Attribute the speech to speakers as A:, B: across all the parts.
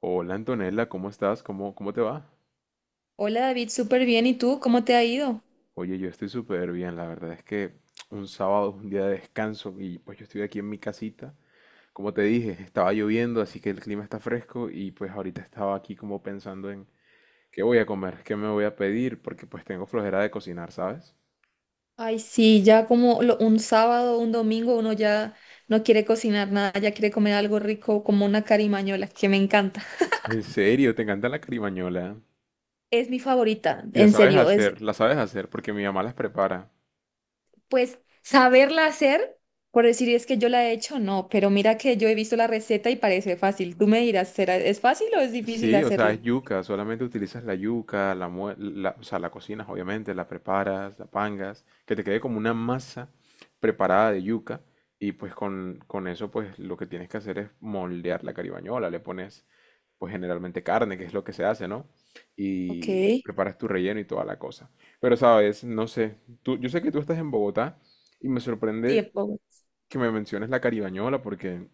A: Hola Antonella, ¿cómo estás? ¿Cómo te va?
B: Hola David, súper bien. ¿Y tú? ¿Cómo te ha ido?
A: Oye, yo estoy súper bien, la verdad es que un sábado es un día de descanso y pues yo estoy aquí en mi casita. Como te dije, estaba lloviendo, así que el clima está fresco y pues ahorita estaba aquí como pensando en qué voy a comer, qué me voy a pedir, porque pues tengo flojera de cocinar, ¿sabes?
B: Ay, sí, ya un sábado, un domingo, uno ya no quiere cocinar nada, ya quiere comer algo rico como una carimañola, que me encanta.
A: En serio, te encanta la carimañola.
B: Es mi favorita,
A: Y
B: en serio. Es,
A: la sabes hacer porque mi mamá las prepara.
B: pues, saberla hacer, por decir es que yo la he hecho, no, pero mira que yo he visto la receta y parece fácil. Tú me dirás, ¿ es fácil o es difícil
A: Sí, o sea, es
B: hacerla?
A: yuca, solamente utilizas la yuca, o sea, la cocinas obviamente, la preparas, la pangas, que te quede como una masa preparada de yuca y pues con eso pues lo que tienes que hacer es moldear la caribañola, le pones pues generalmente carne, que es lo que se hace, ¿no?
B: Ok.
A: Y preparas tu relleno y toda la cosa. Pero sabes, no sé, tú, yo sé que tú estás en Bogotá y me sorprende
B: Tiempo.
A: que me menciones la caribañola porque...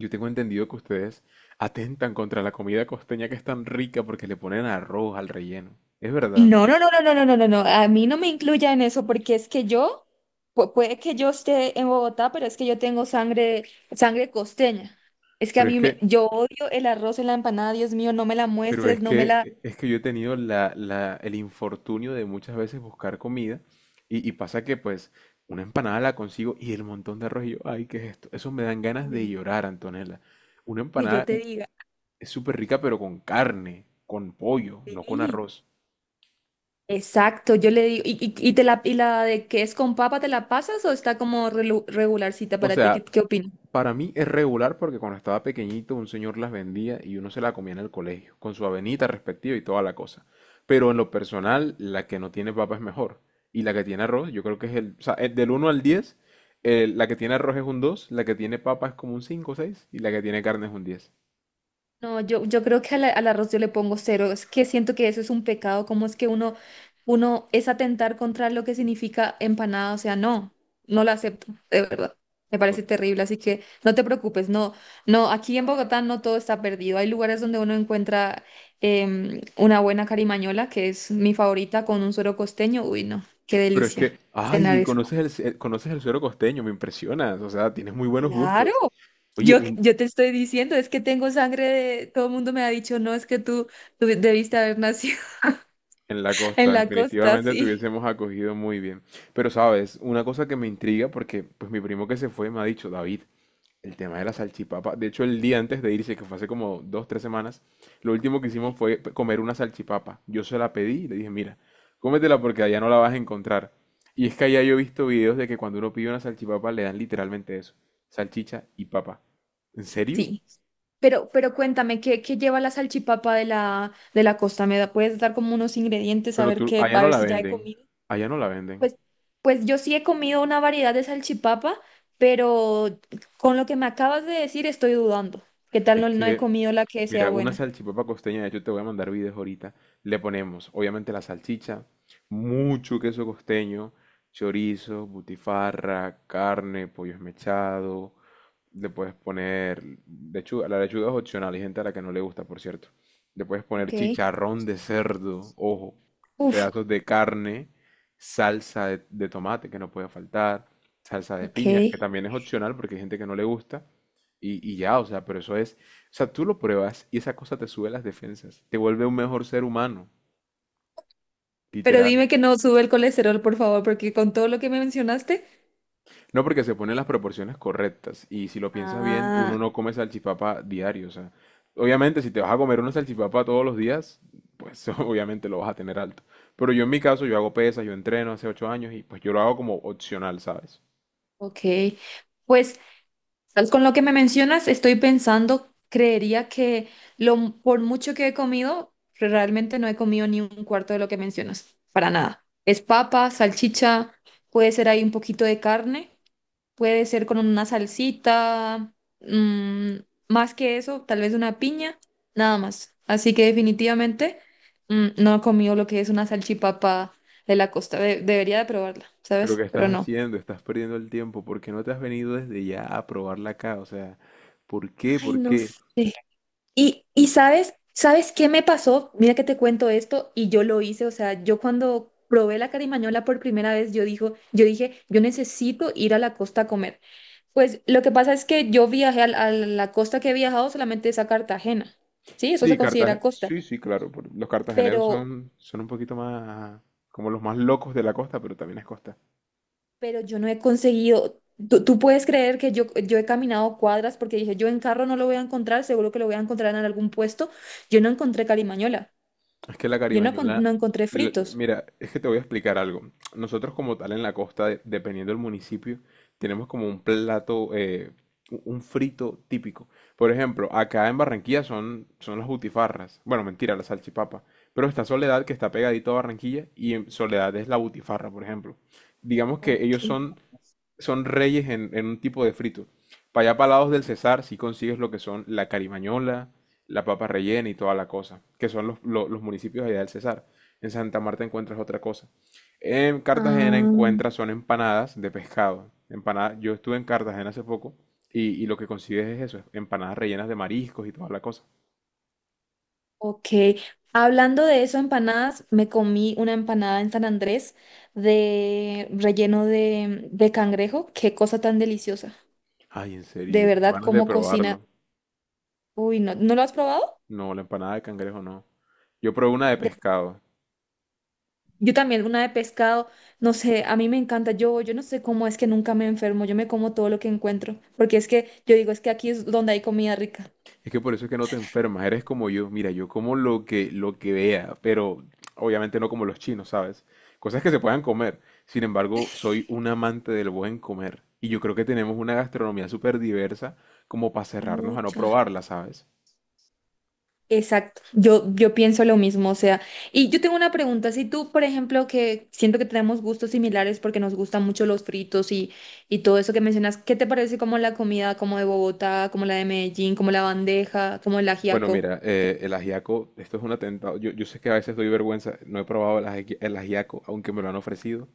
A: Yo tengo entendido que ustedes atentan contra la comida costeña que es tan rica porque le ponen arroz al relleno. Es verdad.
B: No, no, no, no, no, no, no, no, no, a mí no me incluya en eso porque es que yo, puede que yo esté en Bogotá, pero es que yo tengo sangre, sangre costeña. Es que a
A: Pero es
B: mí me,
A: que,
B: yo odio el arroz en la empanada, Dios mío, no me la
A: pero
B: muestres,
A: es
B: no me la,
A: que, es que yo he tenido el infortunio de muchas veces buscar comida y pasa que pues una empanada la consigo y el montón de arroz y yo, ay, ¿qué es esto? Eso me dan ganas de
B: uy,
A: llorar, Antonella. Una
B: que yo
A: empanada
B: te diga.
A: es súper rica pero con carne, con pollo, no con
B: Sí.
A: arroz.
B: Exacto, yo le digo, y te la, y la de que es con papa, ¿te la pasas o está como regularcita
A: O
B: para ti? ¿Qué,
A: sea,
B: qué opinas?
A: para mí es regular porque cuando estaba pequeñito un señor las vendía y uno se la comía en el colegio, con su avenita respectiva y toda la cosa. Pero en lo personal, la que no tiene papa es mejor. Y la que tiene arroz, yo creo que es el, o sea, el del 1 al 10, la que tiene arroz es un dos, la que tiene papa es como un 5 o seis, y la que tiene carne es un 10.
B: No, yo creo que al arroz yo le pongo cero. Es que siento que eso es un pecado. ¿Cómo es que uno, uno es atentar contra lo que significa empanada? O sea, no, no la acepto, de verdad. Me parece
A: O-
B: terrible, así que no te preocupes. No, no, aquí en Bogotá no todo está perdido. Hay lugares donde uno encuentra una buena carimañola, que es mi favorita, con un suero costeño. Uy, no, qué
A: Pero es
B: delicia
A: que,
B: cenar
A: ay,
B: eso.
A: conoces el, conoces el suero costeño, me impresionas. O sea, tienes muy buenos
B: Claro.
A: gustos. Oye,
B: Yo, yo te estoy diciendo, es que tengo sangre de... Todo el mundo me ha dicho, no, es que tú debiste haber nacido
A: En la
B: en
A: costa,
B: la costa,
A: definitivamente te
B: sí.
A: hubiésemos acogido muy bien. Pero sabes, una cosa que me intriga, porque pues mi primo que se fue me ha dicho, David, el tema de la salchipapa. De hecho, el día antes de irse, que fue hace como 2, 3 semanas, lo último que hicimos
B: ¿Sí?
A: fue comer una salchipapa. Yo se la pedí y le dije, mira, cómetela porque allá no la vas a encontrar. Y es que allá yo he visto videos de que cuando uno pide una salchipapa le dan literalmente eso, salchicha y papa. ¿En serio?
B: Sí. Pero cuéntame, ¿qué, qué lleva la salchipapa de la costa? ¿ puedes dar como unos ingredientes a
A: Pero
B: ver
A: tú,
B: qué,
A: allá
B: a
A: no
B: ver
A: la
B: si ya he
A: venden.
B: comido?
A: Allá no la venden.
B: Pues, pues yo sí he comido una variedad de salchipapa, pero con lo que me acabas de decir estoy dudando. ¿Qué tal
A: Es
B: no, no he
A: que...
B: comido la que sea
A: Mira, una
B: buena?
A: salchipapa costeña, de hecho te voy a mandar videos ahorita. Le ponemos, obviamente, la salchicha, mucho queso costeño, chorizo, butifarra, carne, pollo esmechado. Le puedes poner lechuga, la lechuga es opcional, hay gente a la que no le gusta, por cierto. Le puedes poner
B: Ok.
A: chicharrón de cerdo, ojo,
B: Uf,
A: pedazos de carne, salsa de tomate que no puede faltar, salsa de piña,
B: ok.
A: que también es opcional porque hay gente que no le gusta. Y ya, o sea, pero eso es, o sea, tú lo pruebas y esa cosa te sube las defensas, te vuelve un mejor ser humano,
B: Pero
A: literal.
B: dime que no sube el colesterol, por favor, porque con todo lo que me mencionaste,
A: No porque se ponen las proporciones correctas y si lo piensas bien, uno
B: ah,
A: no come salchipapa diario, o sea, obviamente si te vas a comer una salchipapa todos los días, pues obviamente lo vas a tener alto. Pero yo en mi caso, yo hago pesas, yo entreno hace 8 años y pues yo lo hago como opcional, ¿sabes?
B: ok. Pues tal con lo que me mencionas, estoy pensando, creería que lo, por mucho que he comido, realmente no he comido ni un cuarto de lo que mencionas, para nada. Es papa, salchicha, puede ser ahí un poquito de carne. Puede ser con una salsita, mm, más que eso, tal vez una piña, nada más. Así que definitivamente no he comido lo que es una salchipapa de la costa. Debería de probarla,
A: Pero ¿qué
B: ¿sabes?
A: estás
B: Pero no.
A: haciendo? Estás perdiendo el tiempo. ¿Por qué no te has venido desde ya a probarla acá? O sea, ¿por qué?
B: Ay,
A: ¿Por
B: no
A: qué?
B: sé. Y sabes, ¿sabes qué me pasó? Mira que te cuento esto y yo lo hice, o sea, yo cuando probé la carimañola por primera vez, yo dije, yo necesito ir a la costa a comer. Pues lo que pasa es que yo a, la costa que he viajado solamente es a Cartagena, ¿sí? Eso
A: Sí,
B: se considera
A: Cartagena.
B: costa,
A: Sí, sí, claro. Los cartageneros
B: pero,
A: son un poquito más como los más locos de la costa, pero también es costa.
B: pero yo no he conseguido, tú puedes creer que yo he caminado cuadras porque dije, yo en carro no lo voy a encontrar, seguro que lo voy a encontrar en algún puesto, yo no encontré carimañola,
A: Es que la
B: yo no,
A: caribañola,
B: no encontré fritos.
A: mira, es que te voy a explicar algo. Nosotros como tal en la costa, dependiendo del municipio, tenemos como un plato, un frito típico. Por ejemplo, acá en Barranquilla son las butifarras. Bueno, mentira, la salchipapa. Pero está Soledad, que está pegadito a Barranquilla, y en Soledad es la butifarra, por ejemplo. Digamos que
B: Ok.
A: ellos son reyes en un tipo de frito. Para allá, para lados del Cesar, sí consigues lo que son la carimañola, la papa rellena y toda la cosa, que son los municipios allá del Cesar. En Santa Marta encuentras otra cosa. En Cartagena
B: Ah,
A: encuentras son empanadas de pescado. Empanada, yo estuve en Cartagena hace poco y lo que consigues es eso, empanadas rellenas de mariscos y toda la cosa.
B: ok. Hablando de eso, empanadas, me comí una empanada en San Andrés de relleno de cangrejo. Qué cosa tan deliciosa.
A: Ay, en serio,
B: De
A: yo tengo
B: verdad,
A: ganas de
B: cómo cocina.
A: probarlo.
B: Uy, no, ¿no lo has probado?
A: No, la empanada de cangrejo no. Yo probé una de
B: De-
A: pescado.
B: yo también, una de pescado, no sé, a mí me encanta. Yo no sé cómo es que nunca me enfermo. Yo me como todo lo que encuentro, porque es que yo digo, es que aquí es donde hay comida rica.
A: Es que por eso es que no te enfermas, eres como yo. Mira, yo como lo que vea, pero obviamente no como los chinos, ¿sabes? Cosas que se puedan comer. Sin embargo, soy un amante del buen comer. Y yo creo que tenemos una gastronomía súper diversa como para cerrarnos a no
B: Mucha.
A: probarla, ¿sabes?
B: Exacto, yo pienso lo mismo, o sea, y yo tengo una pregunta, si tú, por ejemplo, que siento que tenemos gustos similares porque nos gustan mucho los fritos y todo eso que mencionas, ¿qué te parece como la comida como de Bogotá, como la de Medellín, como la bandeja, como el
A: Bueno,
B: ajiaco?
A: mira, el ajiaco, esto es un atentado. Yo sé que a veces doy vergüenza. No he probado el el ajiaco, aunque me lo han ofrecido.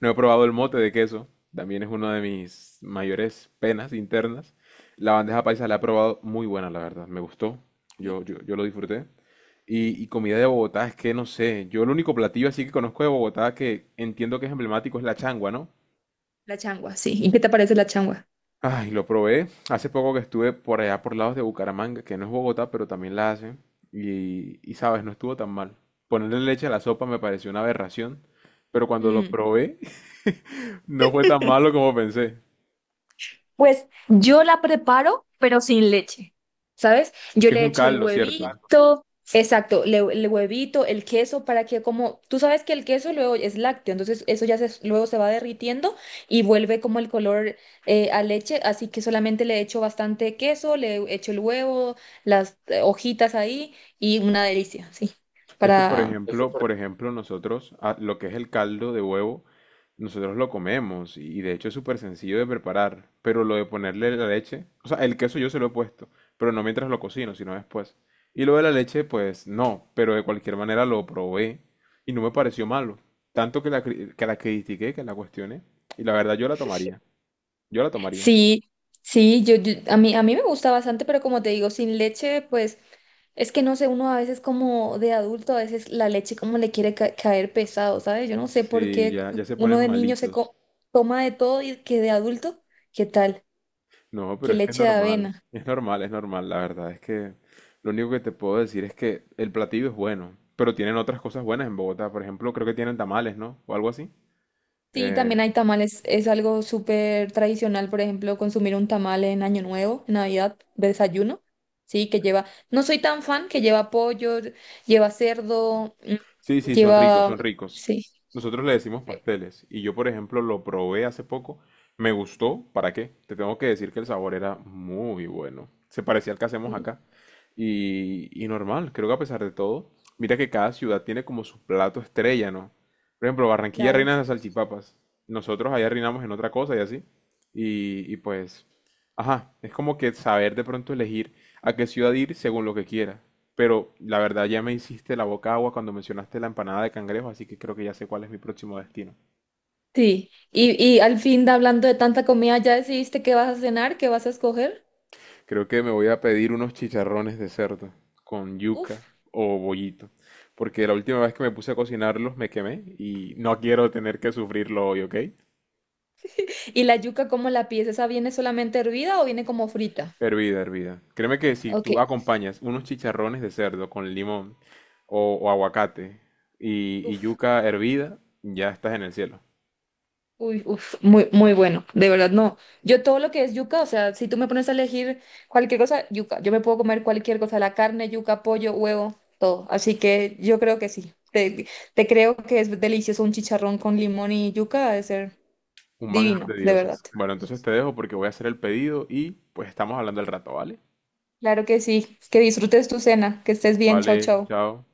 A: No he probado el mote de queso. También es una de mis mayores penas internas. La bandeja paisa la he probado muy buena, la verdad. Me gustó.
B: Sí.
A: Yo lo disfruté. Y comida de Bogotá, es que no sé. Yo el único platillo así que conozco de Bogotá que entiendo que es emblemático es la changua, ¿no?
B: La changua, sí. ¿Y qué te parece la changua?
A: Ay, lo probé hace poco que estuve por allá por lados de Bucaramanga, que no es Bogotá, pero también la hacen. Y sabes, no estuvo tan mal. Ponerle leche a la sopa me pareció una aberración, pero cuando lo probé no fue tan malo como pensé.
B: Pues yo la preparo, pero sin leche, ¿sabes?
A: Es
B: Yo
A: que es
B: le
A: un
B: echo el exacto.
A: caldo, ¿cierto?
B: Huevito, exacto, el huevito, el queso, para que como, tú sabes que el queso luego es lácteo, entonces eso ya se, luego se va derritiendo y vuelve como el color a leche, así que solamente le echo bastante queso, le echo el huevo, las hojitas ahí y una delicia, sí,
A: Es que, por
B: para,
A: ejemplo, por ejemplo, nosotros lo que es el caldo de huevo, nosotros lo comemos y de hecho es súper sencillo de preparar, pero lo de ponerle la leche, o sea, el queso yo se lo he puesto, pero no mientras lo cocino, sino después. Y lo de la leche, pues no, pero de cualquier manera lo probé y no me pareció malo, tanto que que la critiqué, que la cuestioné, y la verdad yo la tomaría, yo la tomaría.
B: sí, sí, a mí me gusta bastante, pero como te digo, sin leche, pues es que no sé, uno a veces como de adulto, a veces la leche como le quiere caer pesado, ¿sabes? Yo no sé por
A: Sí,
B: qué
A: ya, ya se
B: uno
A: ponen
B: de niño
A: malitos.
B: toma de todo y que de adulto, ¿qué tal?
A: No,
B: Que
A: pero es que es
B: leche de
A: normal,
B: avena.
A: es normal, es normal, la verdad es que lo único que te puedo decir es que el platillo es bueno, pero tienen otras cosas buenas en Bogotá, por ejemplo, creo que tienen tamales, ¿no? O algo así.
B: Sí,
A: Eh,
B: también hay tamales, es algo súper tradicional, por ejemplo, consumir un tamal en Año Nuevo, en Navidad, de desayuno, sí, que lleva, no soy tan fan, que lleva pollo, lleva cerdo,
A: Sí, sí, son ricos,
B: lleva...
A: son ricos.
B: Sí.
A: Nosotros le decimos pasteles y yo, por ejemplo, lo probé hace poco. Me gustó, ¿para qué? Te tengo que decir que el sabor era muy bueno. Se parecía al que hacemos
B: Sí,
A: acá. Y normal, creo que a pesar de todo, mira que cada ciudad tiene como su plato estrella, ¿no? Por ejemplo, Barranquilla
B: claro.
A: reina de las salchipapas. Nosotros allá reinamos en otra cosa y así. Y pues ajá, es como que saber de pronto elegir a qué ciudad ir según lo que quiera. Pero la verdad ya me hiciste la boca agua cuando mencionaste la empanada de cangrejo, así que creo que ya sé cuál es mi próximo destino.
B: Sí. Y al fin, hablando de tanta comida, ¿ya decidiste qué vas a cenar? ¿Qué vas a escoger?
A: Creo que me voy a pedir unos chicharrones de cerdo con yuca
B: Uf.
A: o bollito, porque la última vez que me puse a cocinarlos me quemé y no quiero tener que sufrirlo hoy, ¿ok?
B: ¿Y la yuca cómo la pides? ¿Esa viene solamente hervida o viene como frita?
A: Hervida, hervida. Créeme que si
B: Ok.
A: tú acompañas unos chicharrones de cerdo con limón o aguacate y
B: Uf.
A: yuca hervida, ya estás en el cielo.
B: Uy, uf. Muy, muy bueno. De verdad, no. Yo todo lo que es yuca, o sea, si tú me pones a elegir cualquier cosa, yuca. Yo me puedo comer cualquier cosa, la carne, yuca, pollo, huevo, todo. Así que yo creo que sí. Te creo que es delicioso un chicharrón con limón y yuca, ha de ser
A: Un manjar
B: divino,
A: de
B: de verdad.
A: dioses. Bueno, entonces te dejo porque voy a hacer el pedido y pues estamos hablando al rato, ¿vale?
B: Claro que sí. Que disfrutes tu cena. Que estés bien. Chao,
A: Vale,
B: chao.
A: chao.